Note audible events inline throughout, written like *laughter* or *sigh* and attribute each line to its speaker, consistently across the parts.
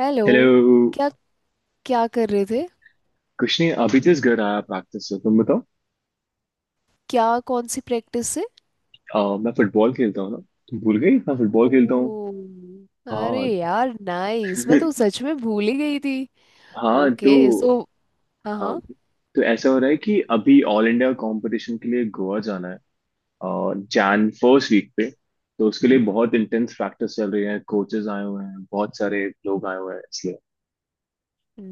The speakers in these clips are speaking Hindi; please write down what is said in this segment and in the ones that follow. Speaker 1: हेलो।
Speaker 2: हेलो।
Speaker 1: क्या क्या कर रहे थे?
Speaker 2: कुछ नहीं, अभी जस्ट घर आया प्रैक्टिस से। तुम बताओ।
Speaker 1: क्या कौन सी प्रैक्टिस से?
Speaker 2: मैं फुटबॉल खेलता हूँ ना। तुम भूल गई, मैं फुटबॉल खेलता हूँ।
Speaker 1: ओ। अरे
Speaker 2: हाँ।
Speaker 1: यार नाइस, मैं तो
Speaker 2: *laughs*
Speaker 1: सच में भूल ही गई थी।
Speaker 2: हाँ तो
Speaker 1: ओके सो हाँ,
Speaker 2: हाँ
Speaker 1: हाँ।
Speaker 2: तो ऐसा हो रहा है कि अभी ऑल इंडिया कंपटीशन के लिए गोवा जाना है और जैन फर्स्ट वीक पे। तो उसके लिए बहुत इंटेंस प्रैक्टिस चल रही है, कोचेस आए हुए हैं, बहुत सारे लोग आए हुए हैं इसलिए।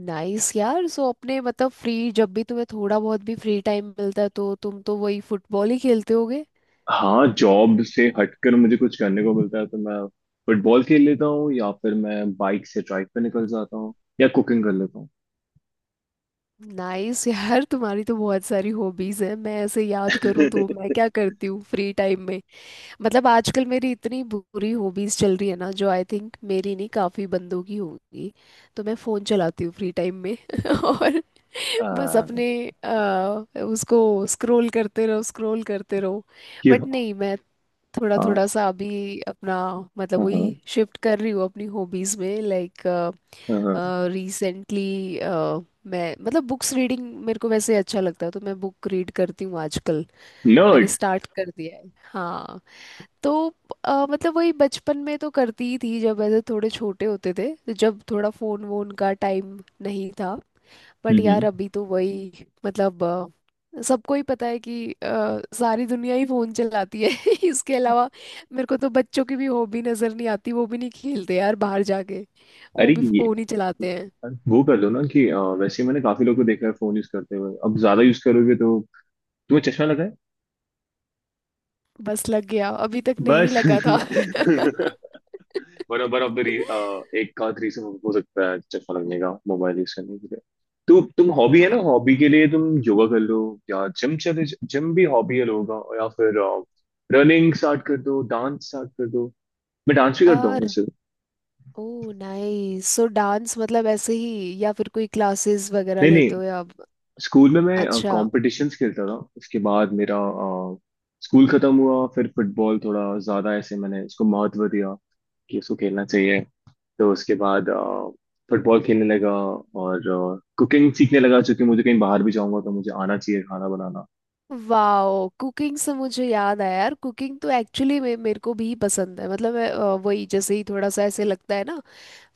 Speaker 1: नाइस यार। सो अपने मतलब फ्री, जब भी तुम्हें थोड़ा बहुत भी फ्री टाइम मिलता है तो तुम तो वही फुटबॉल ही खेलते होगे।
Speaker 2: हाँ, जॉब से हटकर मुझे कुछ करने को मिलता है तो मैं फुटबॉल खेल लेता हूँ या फिर मैं बाइक से ट्राइक पे निकल जाता हूँ या कुकिंग कर लेता हूँ।
Speaker 1: नाइस यार, तुम्हारी तो बहुत सारी हॉबीज है। मैं ऐसे याद करूँ तो मैं
Speaker 2: *laughs*
Speaker 1: क्या करती हूँ फ्री टाइम में। मतलब आजकल मेरी इतनी बुरी हॉबीज चल रही है ना, जो आई थिंक मेरी नहीं, काफी बंदों की होगी। तो मैं फोन चलाती हूँ फ्री टाइम में *laughs* और बस
Speaker 2: आ,
Speaker 1: अपने उसको स्क्रॉल करते रहो, स्क्रॉल करते रहो।
Speaker 2: क्यों?
Speaker 1: बट नहीं, मैं थोड़ा
Speaker 2: हाँ,
Speaker 1: थोड़ा सा अभी अपना मतलब
Speaker 2: हाँ, हाँ।
Speaker 1: वही शिफ्ट कर रही हूँ अपनी हॉबीज में। लाइक रिसेंटली, मैं मतलब बुक्स रीडिंग मेरे को वैसे अच्छा लगता है तो मैं बुक रीड करती हूँ आजकल। मैंने
Speaker 2: नर्ड।
Speaker 1: स्टार्ट कर दिया है, हाँ। तो मतलब वही बचपन में तो करती ही थी, जब ऐसे थोड़े छोटे होते थे, तो जब थोड़ा फोन वोन का टाइम नहीं था। बट
Speaker 2: हम्म।
Speaker 1: यार अभी तो वही मतलब सबको ही पता है कि सारी दुनिया ही फोन चलाती है *laughs* इसके अलावा। मेरे को तो बच्चों की भी हॉबी नजर नहीं आती, वो भी नहीं खेलते यार बाहर जाके, वो
Speaker 2: अरे
Speaker 1: भी
Speaker 2: ये,
Speaker 1: फोन ही चलाते हैं।
Speaker 2: वो कर लो ना कि वैसे मैंने काफी लोगों को देखा है फोन यूज करते हुए। अब ज्यादा यूज करोगे तो तुम्हें चश्मा लगा है।
Speaker 1: बस लग गया, अभी तक नहीं
Speaker 2: बस।
Speaker 1: लगा था।
Speaker 2: *laughs* वन ऑफ ऑफ द,
Speaker 1: *laughs*
Speaker 2: एक आध रीजन हो सकता है चश्मा लगने का, मोबाइल यूज करने के लिए। तो तुम, हॉबी है ना, हॉबी के लिए तुम योगा कर लो या जिम चले। जिम भी हॉबी है लोगों का, या फिर रनिंग स्टार्ट कर दो, डांस स्टार्ट कर दो। मैं डांस भी करता
Speaker 1: हाँ।
Speaker 2: हूँ वैसे।
Speaker 1: Oh nice. सो डांस मतलब ऐसे ही, या फिर कोई क्लासेस वगैरह
Speaker 2: नहीं, नहीं।
Speaker 1: लेते हो, या आप?
Speaker 2: स्कूल में मैं
Speaker 1: अच्छा।
Speaker 2: कॉम्पिटिशन्स खेलता था, उसके बाद मेरा स्कूल खत्म हुआ। फिर फुटबॉल थोड़ा ज़्यादा ऐसे मैंने उसको महत्व दिया कि उसको खेलना चाहिए। तो उसके बाद फुटबॉल खेलने लगा और कुकिंग सीखने लगा, चूंकि मुझे कहीं बाहर भी जाऊंगा तो मुझे आना चाहिए खाना बनाना।
Speaker 1: वाओ, कुकिंग से मुझे याद आया यार, कुकिंग तो एक्चुअली मेरे को भी पसंद है। मतलब मैं, वही जैसे ही थोड़ा सा ऐसे लगता है ना,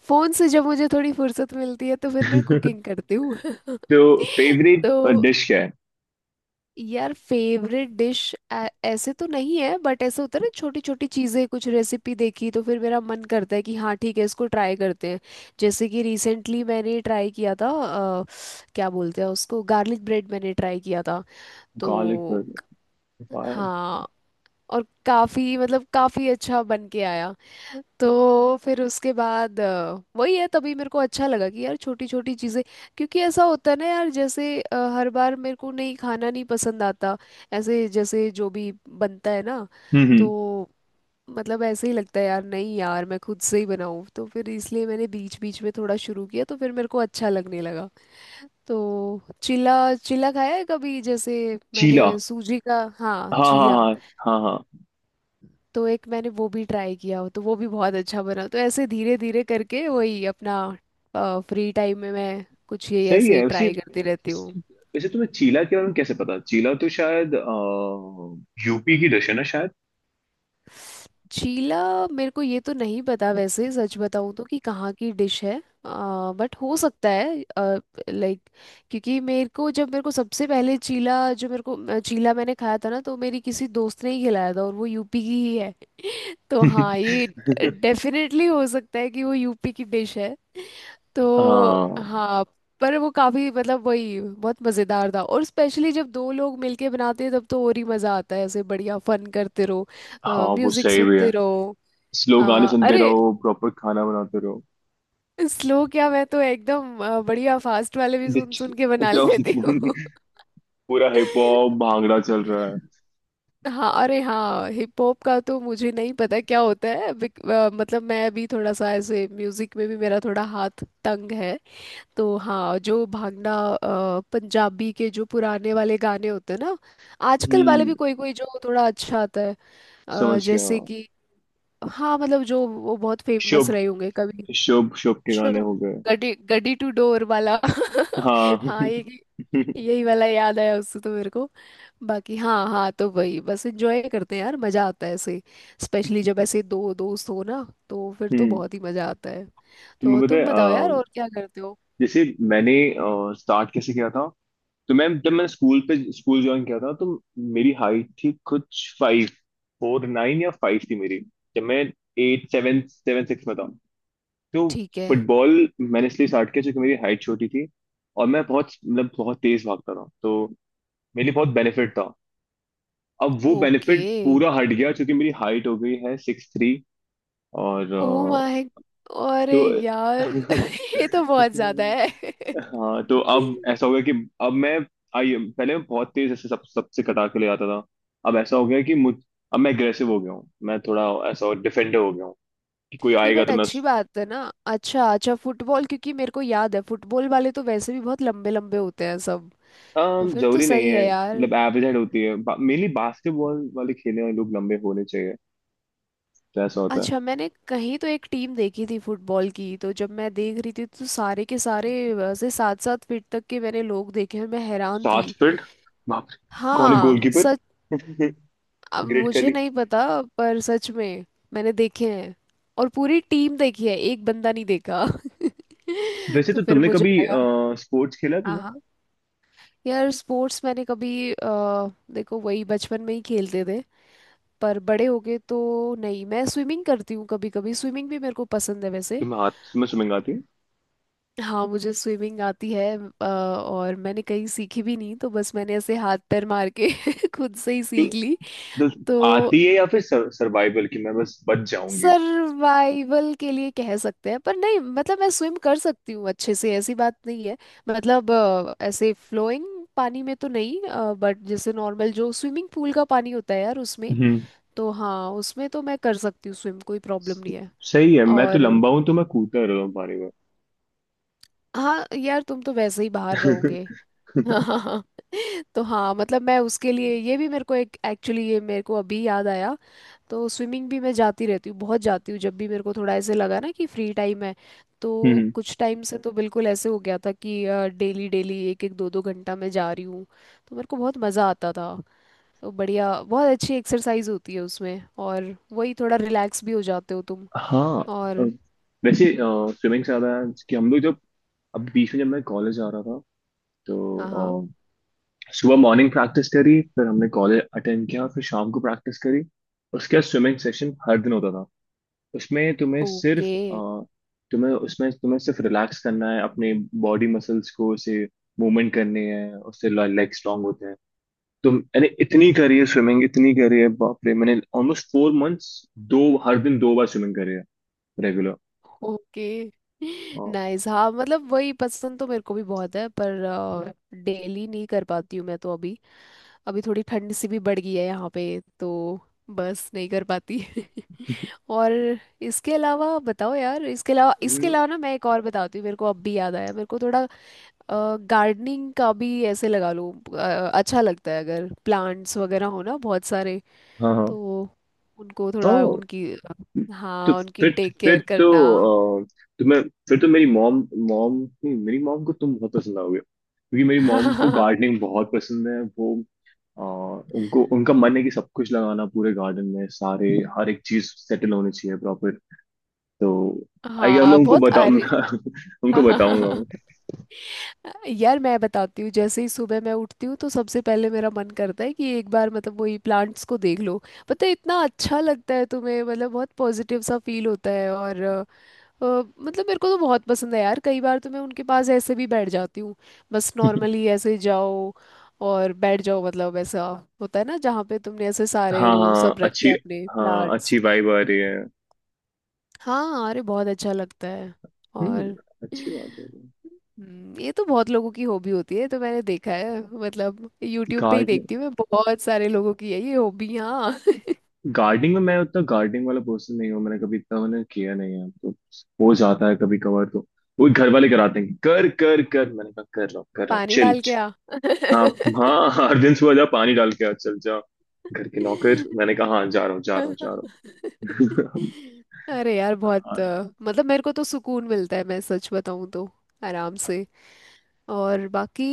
Speaker 1: फोन से जब मुझे थोड़ी फुर्सत मिलती है तो फिर मैं कुकिंग
Speaker 2: *laughs*
Speaker 1: करती हूँ *laughs*
Speaker 2: तो फेवरेट
Speaker 1: तो
Speaker 2: डिश क्या है?
Speaker 1: यार फेवरेट डिश ऐसे तो नहीं है, बट ऐसे होता है ना, छोटी छोटी चीज़ें कुछ रेसिपी देखी तो फिर मेरा मन करता है कि हाँ ठीक है, इसको ट्राई करते हैं। जैसे कि रिसेंटली मैंने ट्राई किया था क्या बोलते हैं उसको, गार्लिक ब्रेड, मैंने ट्राई किया था। तो
Speaker 2: गार्लिक बर्गर।
Speaker 1: हाँ, और काफी मतलब काफी अच्छा बन के आया। तो फिर उसके बाद वही है, तभी मेरे को अच्छा लगा कि यार छोटी छोटी चीज़ें। क्योंकि ऐसा होता है ना यार, जैसे हर बार मेरे को नहीं खाना नहीं पसंद आता, ऐसे जैसे जो भी बनता है ना,
Speaker 2: हम्म। हम्म।
Speaker 1: तो मतलब ऐसे ही लगता है यार, नहीं यार मैं खुद से ही बनाऊं। तो फिर इसलिए मैंने बीच बीच में थोड़ा शुरू किया तो फिर मेरे को अच्छा लगने लगा। तो चीला, चीला खाया है कभी जैसे,
Speaker 2: चीला।
Speaker 1: मैंने सूजी का, हाँ
Speaker 2: हाँ,
Speaker 1: चीला,
Speaker 2: हाँ, हाँ, हाँ, हाँ।
Speaker 1: तो एक मैंने वो भी ट्राई किया हो तो वो भी बहुत अच्छा बना। तो ऐसे धीरे धीरे करके वही अपना फ्री टाइम में मैं कुछ ये
Speaker 2: सही है
Speaker 1: ऐसे
Speaker 2: वैसे।
Speaker 1: ट्राई करती रहती हूँ।
Speaker 2: वैसे तुम्हें चीला के बारे में कैसे पता? चीला तो शायद यूपी की डिश है ना, शायद।
Speaker 1: चीला मेरे को ये तो नहीं पता वैसे सच बताऊँ तो कि कहाँ की डिश है, बट हो सकता है। लाइक, क्योंकि मेरे को, जब मेरे को सबसे पहले चीला, जो मेरे को चीला मैंने खाया था ना, तो मेरी किसी दोस्त ने ही खिलाया था और वो यूपी की ही है। तो हाँ, ये
Speaker 2: *laughs*
Speaker 1: डेफिनेटली हो सकता है कि वो यूपी की डिश है। तो
Speaker 2: हाँ।
Speaker 1: हाँ। पर वो काफी मतलब वही बहुत मजेदार था, और स्पेशली जब दो लोग मिलके बनाते हैं तब तो और ही मजा आता है, ऐसे बढ़िया फन करते रहो,
Speaker 2: हाँ, वो
Speaker 1: म्यूजिक
Speaker 2: सही भी
Speaker 1: सुनते
Speaker 2: है।
Speaker 1: रहो।
Speaker 2: स्लो गाने
Speaker 1: हाँ
Speaker 2: सुनते
Speaker 1: अरे,
Speaker 2: रहो, प्रॉपर खाना बनाते रहो।
Speaker 1: स्लो क्या, मैं तो एकदम बढ़िया फास्ट वाले भी सुन
Speaker 2: डिच-
Speaker 1: सुन के बना
Speaker 2: क्या?
Speaker 1: लेती हूँ
Speaker 2: *laughs* पूरा हिप हॉप
Speaker 1: *laughs*
Speaker 2: भांगड़ा चल रहा है।
Speaker 1: हाँ अरे हाँ, हिप हॉप का तो मुझे नहीं पता क्या होता है, मतलब मैं अभी थोड़ा सा ऐसे म्यूजिक में भी मेरा थोड़ा हाथ तंग है। तो हाँ, जो भांगड़ा पंजाबी के जो पुराने वाले गाने होते हैं ना, आजकल वाले
Speaker 2: हम्म।
Speaker 1: भी कोई कोई जो थोड़ा अच्छा आता है,
Speaker 2: समझ गया।
Speaker 1: जैसे कि, हाँ मतलब जो वो बहुत फेमस
Speaker 2: शुभ
Speaker 1: रहे होंगे कभी।
Speaker 2: शुभ शुभ के
Speaker 1: शो,
Speaker 2: गाने हो गए।
Speaker 1: गडी गडी टू डोर वाला
Speaker 2: हाँ।
Speaker 1: *laughs* हाँ
Speaker 2: *laughs*
Speaker 1: ये, यही वाला याद आया उससे तो मेरे को। बाकी हाँ हाँ, तो वही बस एंजॉय करते हैं यार, मजा आता है ऐसे, स्पेशली जब ऐसे दो दोस्त हो ना, तो फिर तो
Speaker 2: हम्म।
Speaker 1: बहुत ही मजा आता है।
Speaker 2: तुम्हें
Speaker 1: तो
Speaker 2: पता है
Speaker 1: तुम बताओ यार, और क्या करते हो।
Speaker 2: जैसे मैंने स्टार्ट कैसे किया था? तो मैम जब मैंने स्कूल पे स्कूल ज्वाइन किया था तो मेरी हाइट थी कुछ फाइव, फोर नाइन या फाइव थी मेरी, जब मैं एट सेवन सेवन सिक्स में था। तो
Speaker 1: ठीक है।
Speaker 2: फुटबॉल मैंने इसलिए स्टार्ट किया क्योंकि मेरी हाइट छोटी थी और मैं बहुत, मतलब बहुत तेज भागता था, तो मेरे लिए बहुत बेनिफिट था। अब वो
Speaker 1: ओके।
Speaker 2: बेनिफिट पूरा हट गया क्योंकि मेरी हाइट हो गई है सिक्स थ्री। और
Speaker 1: ओ माय,
Speaker 2: तो
Speaker 1: अरे यार
Speaker 2: *laughs*
Speaker 1: *laughs* ये तो बहुत ज्यादा है *laughs*
Speaker 2: हाँ, तो अब ऐसा हो गया कि अब मैं, आई पहले मैं बहुत तेज ऐसे सब सबसे कटा के ले आता था। अब ऐसा हो गया कि मुझ, अब मैं एग्रेसिव हो गया हूँ, मैं थोड़ा ऐसा डिफेंडर हो गया हूँ कि कोई
Speaker 1: नहीं
Speaker 2: आएगा
Speaker 1: बट
Speaker 2: तो मैं
Speaker 1: अच्छी
Speaker 2: उस-
Speaker 1: बात है ना, अच्छा अच्छा फुटबॉल क्योंकि मेरे को याद है फुटबॉल वाले तो वैसे भी बहुत लंबे लंबे होते हैं सब। तो फिर तो
Speaker 2: जरूरी नहीं
Speaker 1: सही
Speaker 2: है,
Speaker 1: है यार।
Speaker 2: मतलब एवरेज हाइट होती है, मेनली बास्केटबॉल वाले खेलने वाले लोग लंबे होने चाहिए, तो ऐसा होता है।
Speaker 1: अच्छा, मैंने कहीं तो एक टीम देखी थी फुटबॉल की, तो जब मैं देख रही थी तो सारे के सारे वैसे सात सात फीट तक के मैंने लोग देखे और मैं हैरान थी।
Speaker 2: 7 फीट? बाप रे। कौन है,
Speaker 1: हाँ।
Speaker 2: गोलकीपर? *laughs*
Speaker 1: अब
Speaker 2: ग्रेट
Speaker 1: मुझे
Speaker 2: खली।
Speaker 1: नहीं पता, पर सच में मैंने देखे हैं, और पूरी टीम देखी है, एक बंदा नहीं देखा
Speaker 2: वैसे
Speaker 1: *laughs* तो
Speaker 2: तो
Speaker 1: फिर
Speaker 2: तुमने
Speaker 1: मुझे
Speaker 2: कभी
Speaker 1: लगा।
Speaker 2: स्पोर्ट्स खेला है
Speaker 1: हाँ
Speaker 2: तुमने?
Speaker 1: हाँ यार, स्पोर्ट्स मैंने कभी देखो वही बचपन में ही खेलते थे, पर बड़े हो गए तो नहीं। मैं स्विमिंग करती हूँ कभी कभी, स्विमिंग भी मेरे को पसंद है वैसे।
Speaker 2: तुम्हें स्विमिंग आती
Speaker 1: हाँ मुझे स्विमिंग आती है। और मैंने कहीं सीखी भी नहीं, तो बस मैंने ऐसे हाथ पैर मार के *laughs* खुद से ही
Speaker 2: है?
Speaker 1: सीख ली।
Speaker 2: तो
Speaker 1: तो
Speaker 2: आती है या फिर सर्वाइवल की मैं बस बच जाऊंगी?
Speaker 1: सर्वाइवल के लिए कह सकते हैं, पर नहीं मतलब मैं स्विम कर सकती हूँ अच्छे से, ऐसी बात नहीं है। मतलब ऐसे फ्लोइंग पानी में तो नहीं, बट जैसे नॉर्मल जो स्विमिंग पूल का पानी होता है यार उसमें,
Speaker 2: हम्म।
Speaker 1: तो हाँ उसमें तो मैं कर सकती हूँ स्विम, कोई प्रॉब्लम नहीं है।
Speaker 2: सही है, मैं तो
Speaker 1: और
Speaker 2: लंबा हूं तो मैं कूदता रह रहा हूँ पानी में।
Speaker 1: हाँ यार तुम तो वैसे ही बाहर रहोगे
Speaker 2: *laughs*
Speaker 1: *laughs* तो हाँ मतलब मैं उसके लिए ये भी मेरे को एक एक्चुअली ये मेरे को अभी याद आया, तो स्विमिंग भी मैं जाती रहती हूँ, बहुत जाती हूँ, जब भी मेरे को थोड़ा ऐसे लगा ना कि फ्री टाइम है। तो
Speaker 2: हम्म।
Speaker 1: कुछ टाइम से तो बिल्कुल ऐसे हो गया था कि डेली डेली एक एक दो दो घंटा मैं जा रही हूँ, तो मेरे को बहुत मज़ा आता था। तो बढ़िया, बहुत अच्छी एक्सरसाइज होती है उसमें, और वही थोड़ा रिलैक्स भी हो जाते हो तुम।
Speaker 2: हाँ अ,
Speaker 1: और
Speaker 2: वैसे स्विमिंग से ज्यादा कि हम लोग जब, अब बीच में जब मैं कॉलेज आ रहा था
Speaker 1: हाँ, हाँ।
Speaker 2: तो अ, सुबह मॉर्निंग प्रैक्टिस करी, फिर हमने कॉलेज अटेंड किया, फिर शाम को प्रैक्टिस करी, उसके बाद स्विमिंग सेशन हर दिन होता था। उसमें तुम्हें सिर्फ
Speaker 1: ओके,
Speaker 2: अ, तुम्हें उसमें तुम्हें सिर्फ रिलैक्स करना है अपने बॉडी मसल्स को, उसे मूवमेंट करने हैं, उससे लेग स्ट्रांग होते हैं। तुम यानी इतनी करी है स्विमिंग, इतनी करी है बाप रे, मैंने ऑलमोस्ट 4 मंथ्स, दो, हर दिन दो बार स्विमिंग करी है रेगुलर।
Speaker 1: ओके।
Speaker 2: हाँ।
Speaker 1: नाइस, हाँ मतलब वही पसंद तो मेरे को भी बहुत है, पर डेली नहीं कर पाती हूँ मैं तो। अभी अभी थोड़ी ठंड सी भी बढ़ गई है यहाँ पे, तो बस नहीं कर पाती *laughs* और इसके अलावा बताओ यार, इसके अलावा ना, मैं एक और बताती हूँ, मेरे को अब भी याद आया मेरे को थोड़ा, गार्डनिंग का भी ऐसे लगा लो, अच्छा लगता है अगर प्लांट्स वगैरह हो ना बहुत सारे,
Speaker 2: हाँ,
Speaker 1: तो उनको थोड़ा
Speaker 2: हाँ।
Speaker 1: उनकी,
Speaker 2: तो
Speaker 1: हाँ उनकी
Speaker 2: फिर
Speaker 1: टेक
Speaker 2: फिर
Speaker 1: केयर
Speaker 2: तो
Speaker 1: करना।
Speaker 2: अ, तुम्हें, फिर तो मेरी मॉम मॉम नहीं, मेरी मॉम को तुम बहुत पसंद आओगे क्योंकि मेरी मॉम को
Speaker 1: *laughs*
Speaker 2: गार्डनिंग बहुत पसंद है। वो अ, उनको, उनका मन है कि सब कुछ लगाना पूरे गार्डन में, सारे हर एक चीज सेटल होनी चाहिए प्रॉपर। तो आई गेस मैं
Speaker 1: हाँ
Speaker 2: उनको
Speaker 1: बहुत
Speaker 2: बताऊँ।
Speaker 1: अरे।
Speaker 2: *laughs* उनको
Speaker 1: हाँ, हाँ, हाँ,
Speaker 2: बताऊंगा
Speaker 1: हाँ।
Speaker 2: मैं।
Speaker 1: *laughs* यार मैं बताती हूँ, जैसे ही सुबह मैं उठती हूँ तो सबसे पहले मेरा मन करता है कि एक बार मतलब वही प्लांट्स को देख लो। पता है इतना अच्छा लगता है तुम्हें, मतलब बहुत पॉजिटिव सा फील होता है। और अ, मतलब मेरे को तो बहुत पसंद है यार, कई बार तो मैं उनके पास ऐसे भी बैठ जाती हूँ, बस नॉर्मली ऐसे जाओ और बैठ जाओ, मतलब ऐसा होता है ना जहाँ पे तुमने ऐसे सारे
Speaker 2: हाँ,
Speaker 1: वो
Speaker 2: हाँ,
Speaker 1: सब रखे
Speaker 2: अच्छी।
Speaker 1: हैं अपने
Speaker 2: हाँ,
Speaker 1: प्लांट्स।
Speaker 2: अच्छी वाइब आ रही है।
Speaker 1: हाँ अरे बहुत अच्छा लगता है।
Speaker 2: हम्म।
Speaker 1: और
Speaker 2: अच्छी बात है।
Speaker 1: ये तो बहुत लोगों की हॉबी होती है ये तो मैंने देखा है, मतलब यूट्यूब पे ही
Speaker 2: गार्डन,
Speaker 1: देखती हूँ मैं, बहुत सारे लोगों की है ये हॉबी, हाँ।
Speaker 2: गार्डनिंग में मैं
Speaker 1: *laughs*
Speaker 2: उतना गार्डनिंग वाला पर्सन नहीं हूँ, मैंने कभी इतना मैंने किया नहीं है, तो हो जाता है कभी कभार। तो वो घर वाले कराते हैं कि कर कर कर, मैंने कहा कर रहा हूँ, कर रहा हूँ,
Speaker 1: पानी
Speaker 2: चिल।
Speaker 1: डाल के आ।
Speaker 2: हाँ। हाँ, हर दिन सुबह जा, पानी डाल के आ, चल जा। घर के नौकर।
Speaker 1: *laughs*
Speaker 2: मैंने कहा हाँ, जा रहा हूँ, जा रहा हूँ, जा रहा हूँ।
Speaker 1: अरे यार,
Speaker 2: *laughs*
Speaker 1: बहुत
Speaker 2: हाँ।
Speaker 1: मतलब मेरे को तो सुकून मिलता है, मैं सच बताऊं तो, आराम से। और बाकी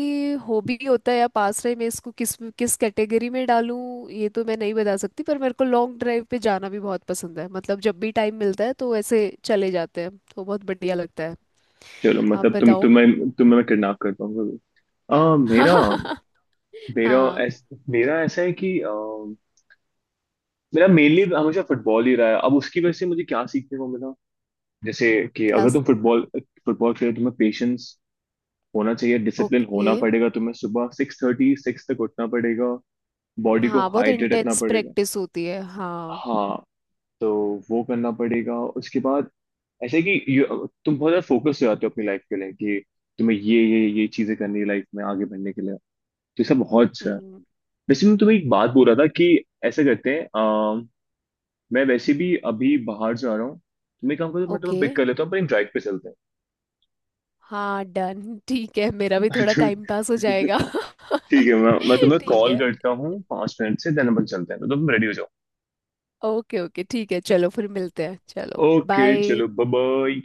Speaker 1: हॉबी होता है या पास टाइम मैं इसको किस किस कैटेगरी में डालूं, ये तो मैं नहीं बता सकती, पर मेरे को लॉन्ग ड्राइव पे जाना भी बहुत पसंद है, मतलब जब भी टाइम मिलता है तो ऐसे चले जाते हैं तो बहुत बढ़िया लगता है।
Speaker 2: चलो,
Speaker 1: आप
Speaker 2: मतलब तुम
Speaker 1: बताओ।
Speaker 2: तुम्हें तुम्हें मैं किडनैप करता हूँ कभी। मेरा
Speaker 1: *laughs*
Speaker 2: मेरा
Speaker 1: हाँ।
Speaker 2: ऐस, मेरा ऐसा है कि मेरा मेनली हमेशा फुटबॉल ही रहा है। अब उसकी वजह से मुझे क्या सीखने को मिला जैसे कि,
Speaker 1: क्या।
Speaker 2: अगर तुम फुटबॉल फुटबॉल खेलो, तुम्हें पेशेंस होना चाहिए, डिसिप्लिन
Speaker 1: ओके।
Speaker 2: होना पड़ेगा, तुम्हें सुबह सिक्स थर्टी सिक्स तक उठना पड़ेगा, बॉडी को
Speaker 1: हाँ बहुत
Speaker 2: हाइड्रेट रखना
Speaker 1: इंटेंस
Speaker 2: पड़ेगा।
Speaker 1: प्रैक्टिस होती है, हाँ।
Speaker 2: हाँ, तो वो करना पड़ेगा। उसके बाद ऐसे कि तुम बहुत ज्यादा फोकस हो जाते हो अपनी लाइफ के लिए कि तुम्हें ये चीजें करनी है लाइफ में आगे बढ़ने के लिए, तो ये सब बहुत अच्छा है।
Speaker 1: हम्म।
Speaker 2: वैसे मैं तुम्हें एक बात बोल रहा था कि ऐसा करते हैं, मैं वैसे भी अभी बाहर जा रहा हूँ, तुम्हें काम करो, मैं तुम्हें
Speaker 1: ओके।
Speaker 2: पिक कर लेता हूँ, पर ड्राइव पे चलते
Speaker 1: हाँ डन *laughs* ठीक है मेरा भी
Speaker 2: हैं।
Speaker 1: थोड़ा टाइम पास हो
Speaker 2: *laughs*
Speaker 1: जाएगा।
Speaker 2: ठीक है, मैं
Speaker 1: *laughs*
Speaker 2: तुम्हें
Speaker 1: ठीक
Speaker 2: कॉल
Speaker 1: है।
Speaker 2: करता हूँ 5 मिनट से, देन अपन चलते हैं, तो तुम रेडी हो जाओ।
Speaker 1: ओके, ओके, ठीक है, चलो फिर मिलते हैं, चलो।
Speaker 2: Okay,
Speaker 1: bye.
Speaker 2: चलो, बाय।